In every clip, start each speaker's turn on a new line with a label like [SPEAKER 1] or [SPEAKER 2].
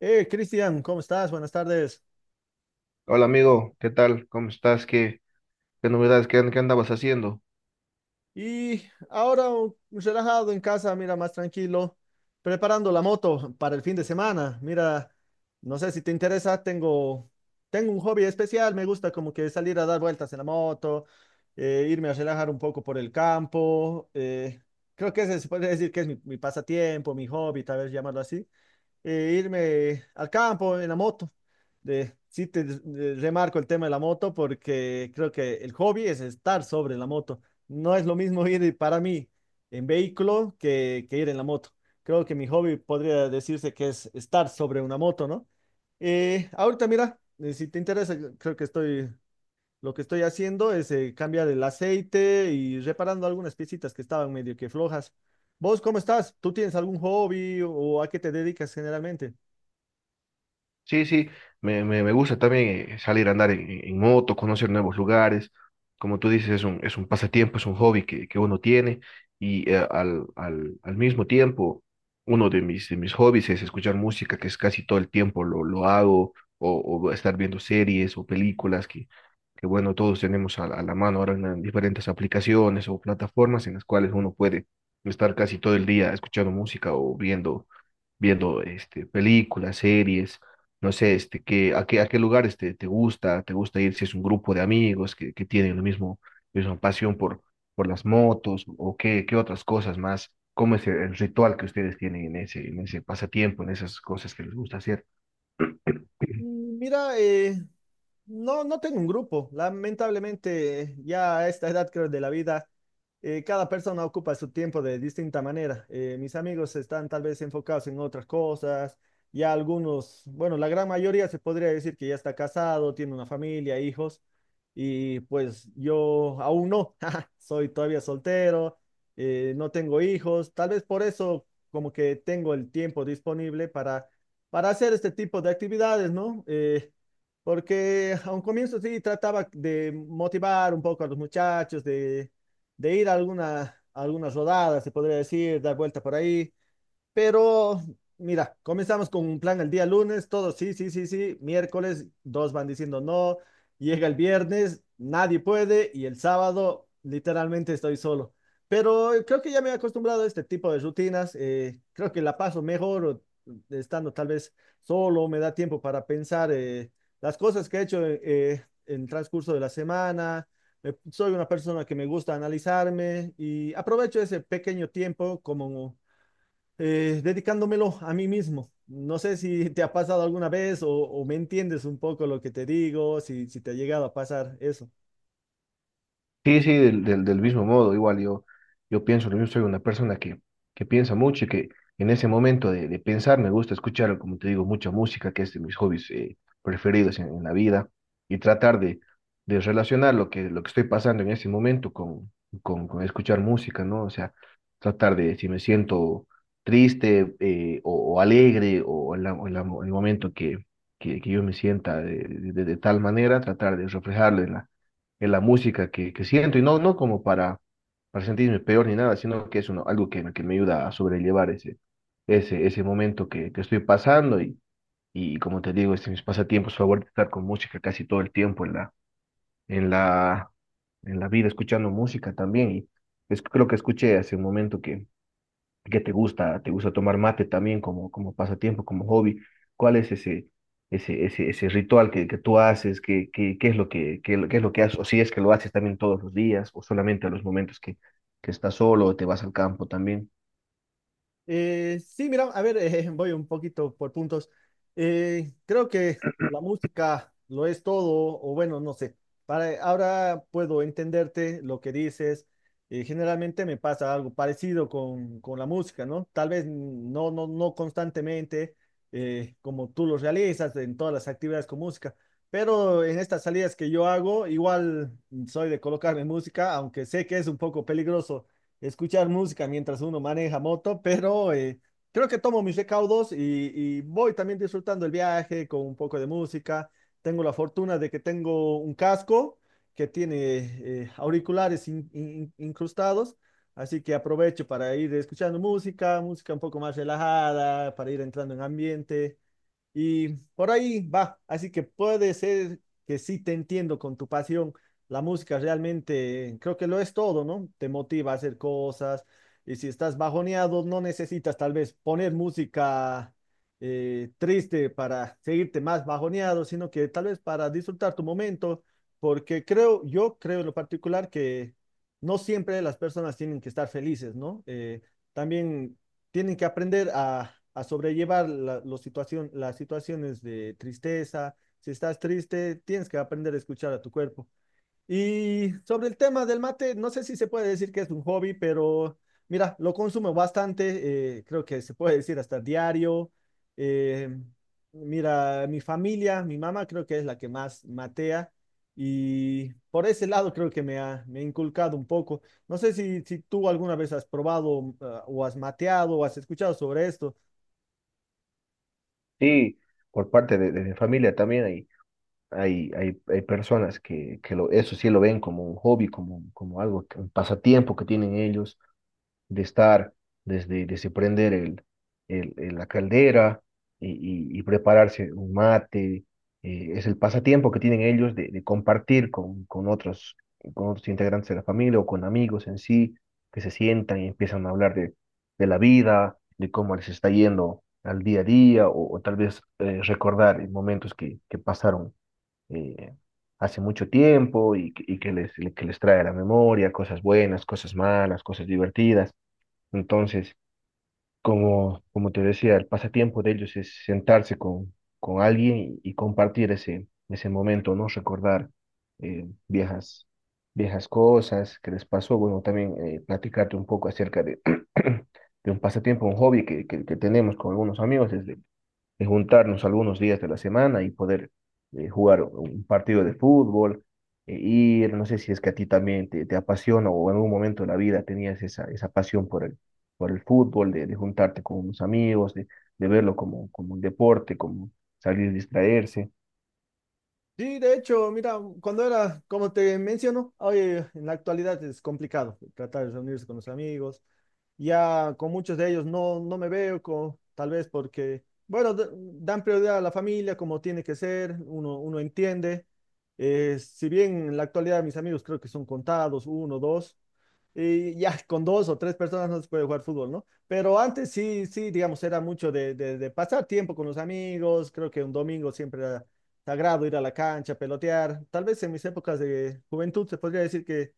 [SPEAKER 1] Cristian, ¿cómo estás? Buenas tardes.
[SPEAKER 2] Hola amigo, ¿qué tal? ¿Cómo estás? ¿Qué novedades? ¿ Qué andabas haciendo?
[SPEAKER 1] Y ahora relajado en casa, mira, más tranquilo, preparando la moto para el fin de semana. Mira, no sé si te interesa, tengo un hobby especial, me gusta como que salir a dar vueltas en la moto, irme a relajar un poco por el campo. Creo que ese se puede decir que es mi pasatiempo, mi hobby, tal vez llamarlo así. Irme al campo en la moto. Sí, te remarco el tema de la moto porque creo que el hobby es estar sobre la moto. No es lo mismo ir para mí en vehículo que ir en la moto. Creo que mi hobby podría decirse que es estar sobre una moto, ¿no? Ahorita, mira, si te interesa, lo que estoy haciendo es cambiar el aceite y reparando algunas piecitas que estaban medio que flojas. ¿Vos cómo estás? ¿Tú tienes algún hobby o a qué te dedicas generalmente?
[SPEAKER 2] Sí, sí, me gusta también salir a andar en moto, conocer nuevos lugares. Como tú dices, es un pasatiempo, es un hobby que uno tiene y al mismo tiempo, uno de de mis hobbies es escuchar música, que es casi todo el tiempo lo hago, o estar viendo series o películas que bueno, todos tenemos a la mano ahora en las diferentes aplicaciones o plataformas en las cuales uno puede estar casi todo el día escuchando música o viendo este, películas, series, no sé, este, a qué lugares te gusta ir si es un grupo de amigos que tienen lo mismo, misma pasión por las motos o qué, qué otras cosas más, cómo es el ritual que ustedes tienen en ese pasatiempo, en esas cosas que les gusta hacer.
[SPEAKER 1] Mira, no, no tengo un grupo. Lamentablemente, ya a esta edad creo de la vida, cada persona ocupa su tiempo de distinta manera. Mis amigos están tal vez enfocados en otras cosas. Ya algunos, bueno, la gran mayoría se podría decir que ya está casado, tiene una familia, hijos. Y pues yo aún no, soy todavía soltero, no tengo hijos. Tal vez por eso como que tengo el tiempo disponible para hacer este tipo de actividades, ¿no? Porque a un comienzo sí trataba de motivar un poco a los muchachos, de ir a a algunas rodadas, se podría decir, dar vuelta por ahí. Pero mira, comenzamos con un plan el día lunes, todos sí, sí, sí, sí. Miércoles, dos van diciendo no. Llega el viernes, nadie puede. Y el sábado, literalmente estoy solo. Pero creo que ya me he acostumbrado a este tipo de rutinas. Creo que la paso mejor o, estando tal vez solo. Me da tiempo para pensar las cosas que he hecho en el transcurso de la semana. Soy una persona que me gusta analizarme y aprovecho ese pequeño tiempo como dedicándomelo a mí mismo. No sé si te ha pasado alguna vez o me entiendes un poco lo que te digo, si te ha llegado a pasar eso.
[SPEAKER 2] Sí, sí, del mismo modo, igual yo, yo pienso lo mismo, soy una persona que piensa mucho y que en ese momento de pensar me gusta escuchar, como te digo, mucha música, que es de mis hobbies preferidos en la vida, y tratar de relacionar lo que estoy pasando en ese momento con escuchar música, ¿no? O sea, tratar de, si me siento triste o alegre en el momento que yo me sienta de tal manera, tratar de reflejarlo en la música que siento, y no, no como para sentirme peor ni nada, sino que es uno, algo que me ayuda a sobrellevar ese momento que estoy pasando, y como te digo, este, mis pasatiempos favoritos, estar con música casi todo el tiempo en la, en la vida, escuchando música también. Creo que escuché hace un momento que ¿qué te gusta? ¿Te gusta tomar mate también como, como pasatiempo, como hobby? ¿Cuál es ese ritual que tú haces? ¿Qué, qué, qué es lo que, qué, qué es lo que haces? O si es que lo haces también todos los días, o solamente a los momentos que estás solo, o te vas al campo también.
[SPEAKER 1] Sí, mira, a ver, voy un poquito por puntos. Creo que la música lo es todo, o bueno, no sé. Ahora puedo entenderte lo que dices. Generalmente me pasa algo parecido con la música, ¿no? Tal vez no, no, no constantemente, como tú lo realizas en todas las actividades con música, pero en estas salidas que yo hago, igual soy de colocarme música, aunque sé que es un poco peligroso escuchar música mientras uno maneja moto, pero creo que tomo mis recaudos y voy también disfrutando el viaje con un poco de música. Tengo la fortuna de que tengo un casco que tiene auriculares incrustados, así que aprovecho para ir escuchando música, música un poco más relajada, para ir entrando en ambiente. Y por ahí va, así que puede ser que sí te entiendo con tu pasión. La música realmente creo que lo es todo, ¿no? Te motiva a hacer cosas y si estás bajoneado no necesitas tal vez poner música triste para seguirte más bajoneado, sino que tal vez para disfrutar tu momento, porque creo, yo creo en lo particular que no siempre las personas tienen que estar felices, ¿no? También tienen que aprender a sobrellevar las situaciones de tristeza. Si estás triste, tienes que aprender a escuchar a tu cuerpo. Y sobre el tema del mate, no sé si se puede decir que es un hobby, pero mira, lo consumo bastante, creo que se puede decir hasta diario. eh, Mira, mi familia, mi mamá creo que es la que más matea y por ese lado creo que me ha inculcado un poco. No sé si tú alguna vez has probado, o has mateado o has escuchado sobre esto.
[SPEAKER 2] Sí, por parte de mi familia también hay personas que lo, eso sí lo ven como un hobby, como, como algo, un pasatiempo que tienen ellos de estar, desde prender la caldera y prepararse un mate. Eh, es el pasatiempo que tienen ellos de compartir con otros integrantes de la familia o con amigos en sí, que se sientan y empiezan a hablar de la vida, de cómo les está yendo al día a día, o tal vez recordar momentos que pasaron eh, hace mucho tiempo y, y que les trae a la memoria cosas buenas, cosas malas, cosas divertidas. Entonces, como, como te decía, el pasatiempo de ellos es sentarse con alguien y compartir ese, ese momento, ¿no? Recordar viejas, viejas cosas que les pasó. Bueno, también platicarte un poco acerca de, de un pasatiempo, un hobby que tenemos con algunos amigos desde, de juntarnos algunos días de la semana y poder jugar un partido de fútbol. Ir, no sé si es que a ti también te apasiona o en algún momento de la vida tenías esa, esa pasión por el fútbol, de juntarte con unos amigos, de verlo como, como un deporte, como salir a distraerse.
[SPEAKER 1] Sí, de hecho, mira, cuando era, como te menciono, hoy en la actualidad es complicado tratar de reunirse con los amigos. Ya con muchos de ellos no, no me veo, tal vez porque, bueno, dan prioridad a la familia como tiene que ser, uno entiende. Si bien en la actualidad mis amigos creo que son contados, uno, dos. Y ya con dos o tres personas no se puede jugar fútbol, ¿no? Pero antes sí, sí, digamos, era mucho de, de pasar tiempo con los amigos. Creo que un domingo siempre era sagrado ir a la cancha, pelotear. Tal vez en mis épocas de juventud se podría decir que,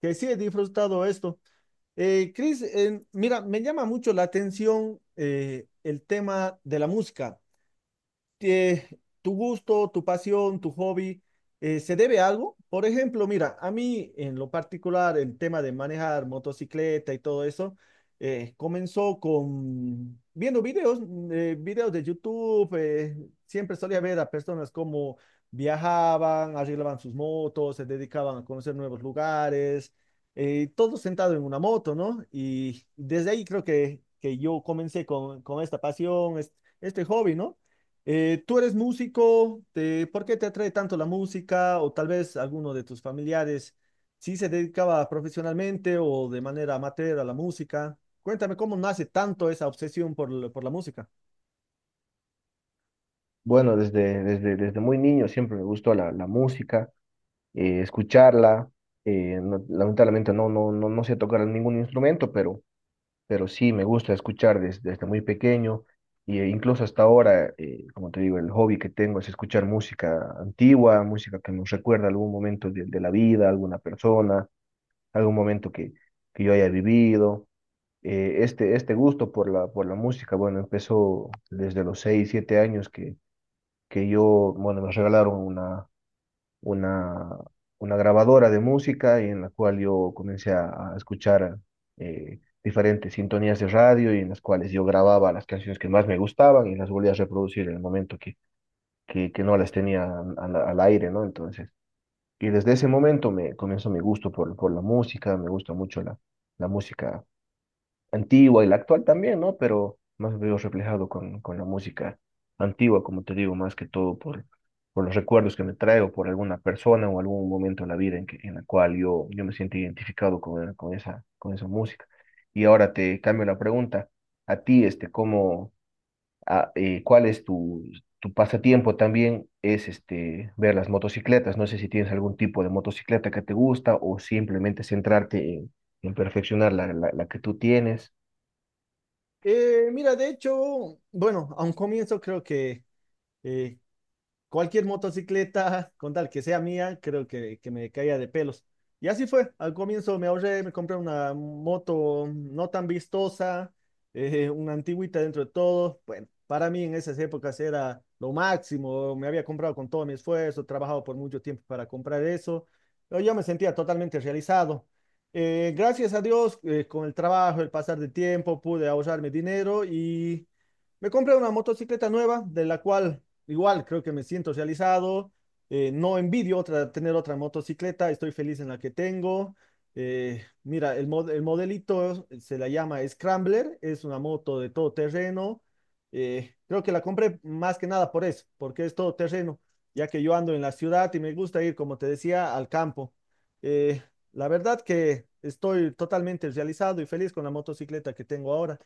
[SPEAKER 1] que sí he disfrutado esto. Cris, mira, me llama mucho la atención el tema de la música eh, tu gusto, tu pasión, tu hobby, ¿se debe a algo? Por ejemplo, mira, a mí en lo particular el tema de manejar motocicleta y todo eso comenzó con viendo videos, videos de YouTube, siempre solía ver a personas como viajaban, arreglaban sus motos, se dedicaban a conocer nuevos lugares, todo sentado en una moto, ¿no? Y desde ahí creo que yo comencé con esta pasión, este hobby, ¿no? ¿Tú eres músico? ¿Por qué te atrae tanto la música? O tal vez alguno de tus familiares sí se dedicaba profesionalmente o de manera amateur a la música. Cuéntame cómo nace tanto esa obsesión por la música.
[SPEAKER 2] Bueno, desde muy niño siempre me gustó la, la música, escucharla. Lamentablemente no sé tocar ningún instrumento, pero sí me gusta escuchar desde muy pequeño y incluso hasta ahora, como te digo, el hobby que tengo es escuchar música antigua, música que nos recuerda algún momento de la vida, alguna persona, algún momento que yo haya vivido. Este, este gusto por la música, bueno, empezó desde los 6 7 años que yo, bueno, me regalaron una, una grabadora de música y en la cual yo comencé a escuchar diferentes sintonías de radio y en las cuales yo grababa las canciones que más me gustaban y las volvía a reproducir en el momento que no las tenía al aire, ¿no? Entonces, y desde ese momento me comenzó mi gusto por la música, me gusta mucho la, la música antigua y la actual también, ¿no? Pero más veo reflejado con la música antigua, como te digo, más que todo por los recuerdos que me traigo, por alguna persona o algún momento en la vida en que, en la cual yo, yo me siento identificado con esa música. Y ahora te cambio la pregunta. A ti, este, ¿cómo, cuál es tu, tu pasatiempo también? Es este, ver las motocicletas. No sé si tienes algún tipo de motocicleta que te gusta o simplemente centrarte en perfeccionar la, la la que tú tienes.
[SPEAKER 1] Mira, de hecho, bueno, a un comienzo creo que eh, cualquier motocicleta, con tal que sea mía, creo que me caía de pelos. Y así fue, al comienzo me ahorré, me compré una moto no tan vistosa, una antigüita dentro de todo. Bueno, para mí en esas épocas era lo máximo, me había comprado con todo mi esfuerzo, trabajado por mucho tiempo para comprar eso, pero yo me sentía totalmente realizado. Gracias a Dios, con el trabajo, el pasar del tiempo, pude ahorrarme dinero y me compré una motocicleta nueva, de la cual igual creo que me siento realizado, no envidio otra, tener otra motocicleta, estoy feliz en la que tengo. Mira, el modelito se la llama Scrambler, es una moto de todo terreno. Creo que la compré más que nada por eso, porque es todo terreno, ya que yo ando en la ciudad y me gusta ir, como te decía, al campo. Eh, la verdad que estoy totalmente realizado y feliz con la motocicleta que tengo ahora.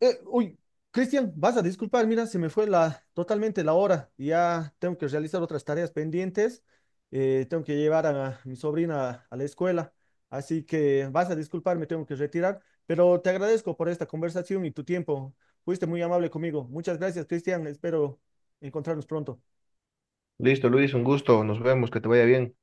[SPEAKER 1] Uy, Cristian, vas a disculpar, mira, se me fue totalmente la hora. Ya tengo que realizar otras tareas pendientes. Tengo que llevar a mi sobrina a la escuela. Así que vas a disculpar, me tengo que retirar. Pero te agradezco por esta conversación y tu tiempo. Fuiste muy amable conmigo. Muchas gracias, Cristian. Espero encontrarnos pronto.
[SPEAKER 2] Listo, Luis, un gusto. Nos vemos, que te vaya bien.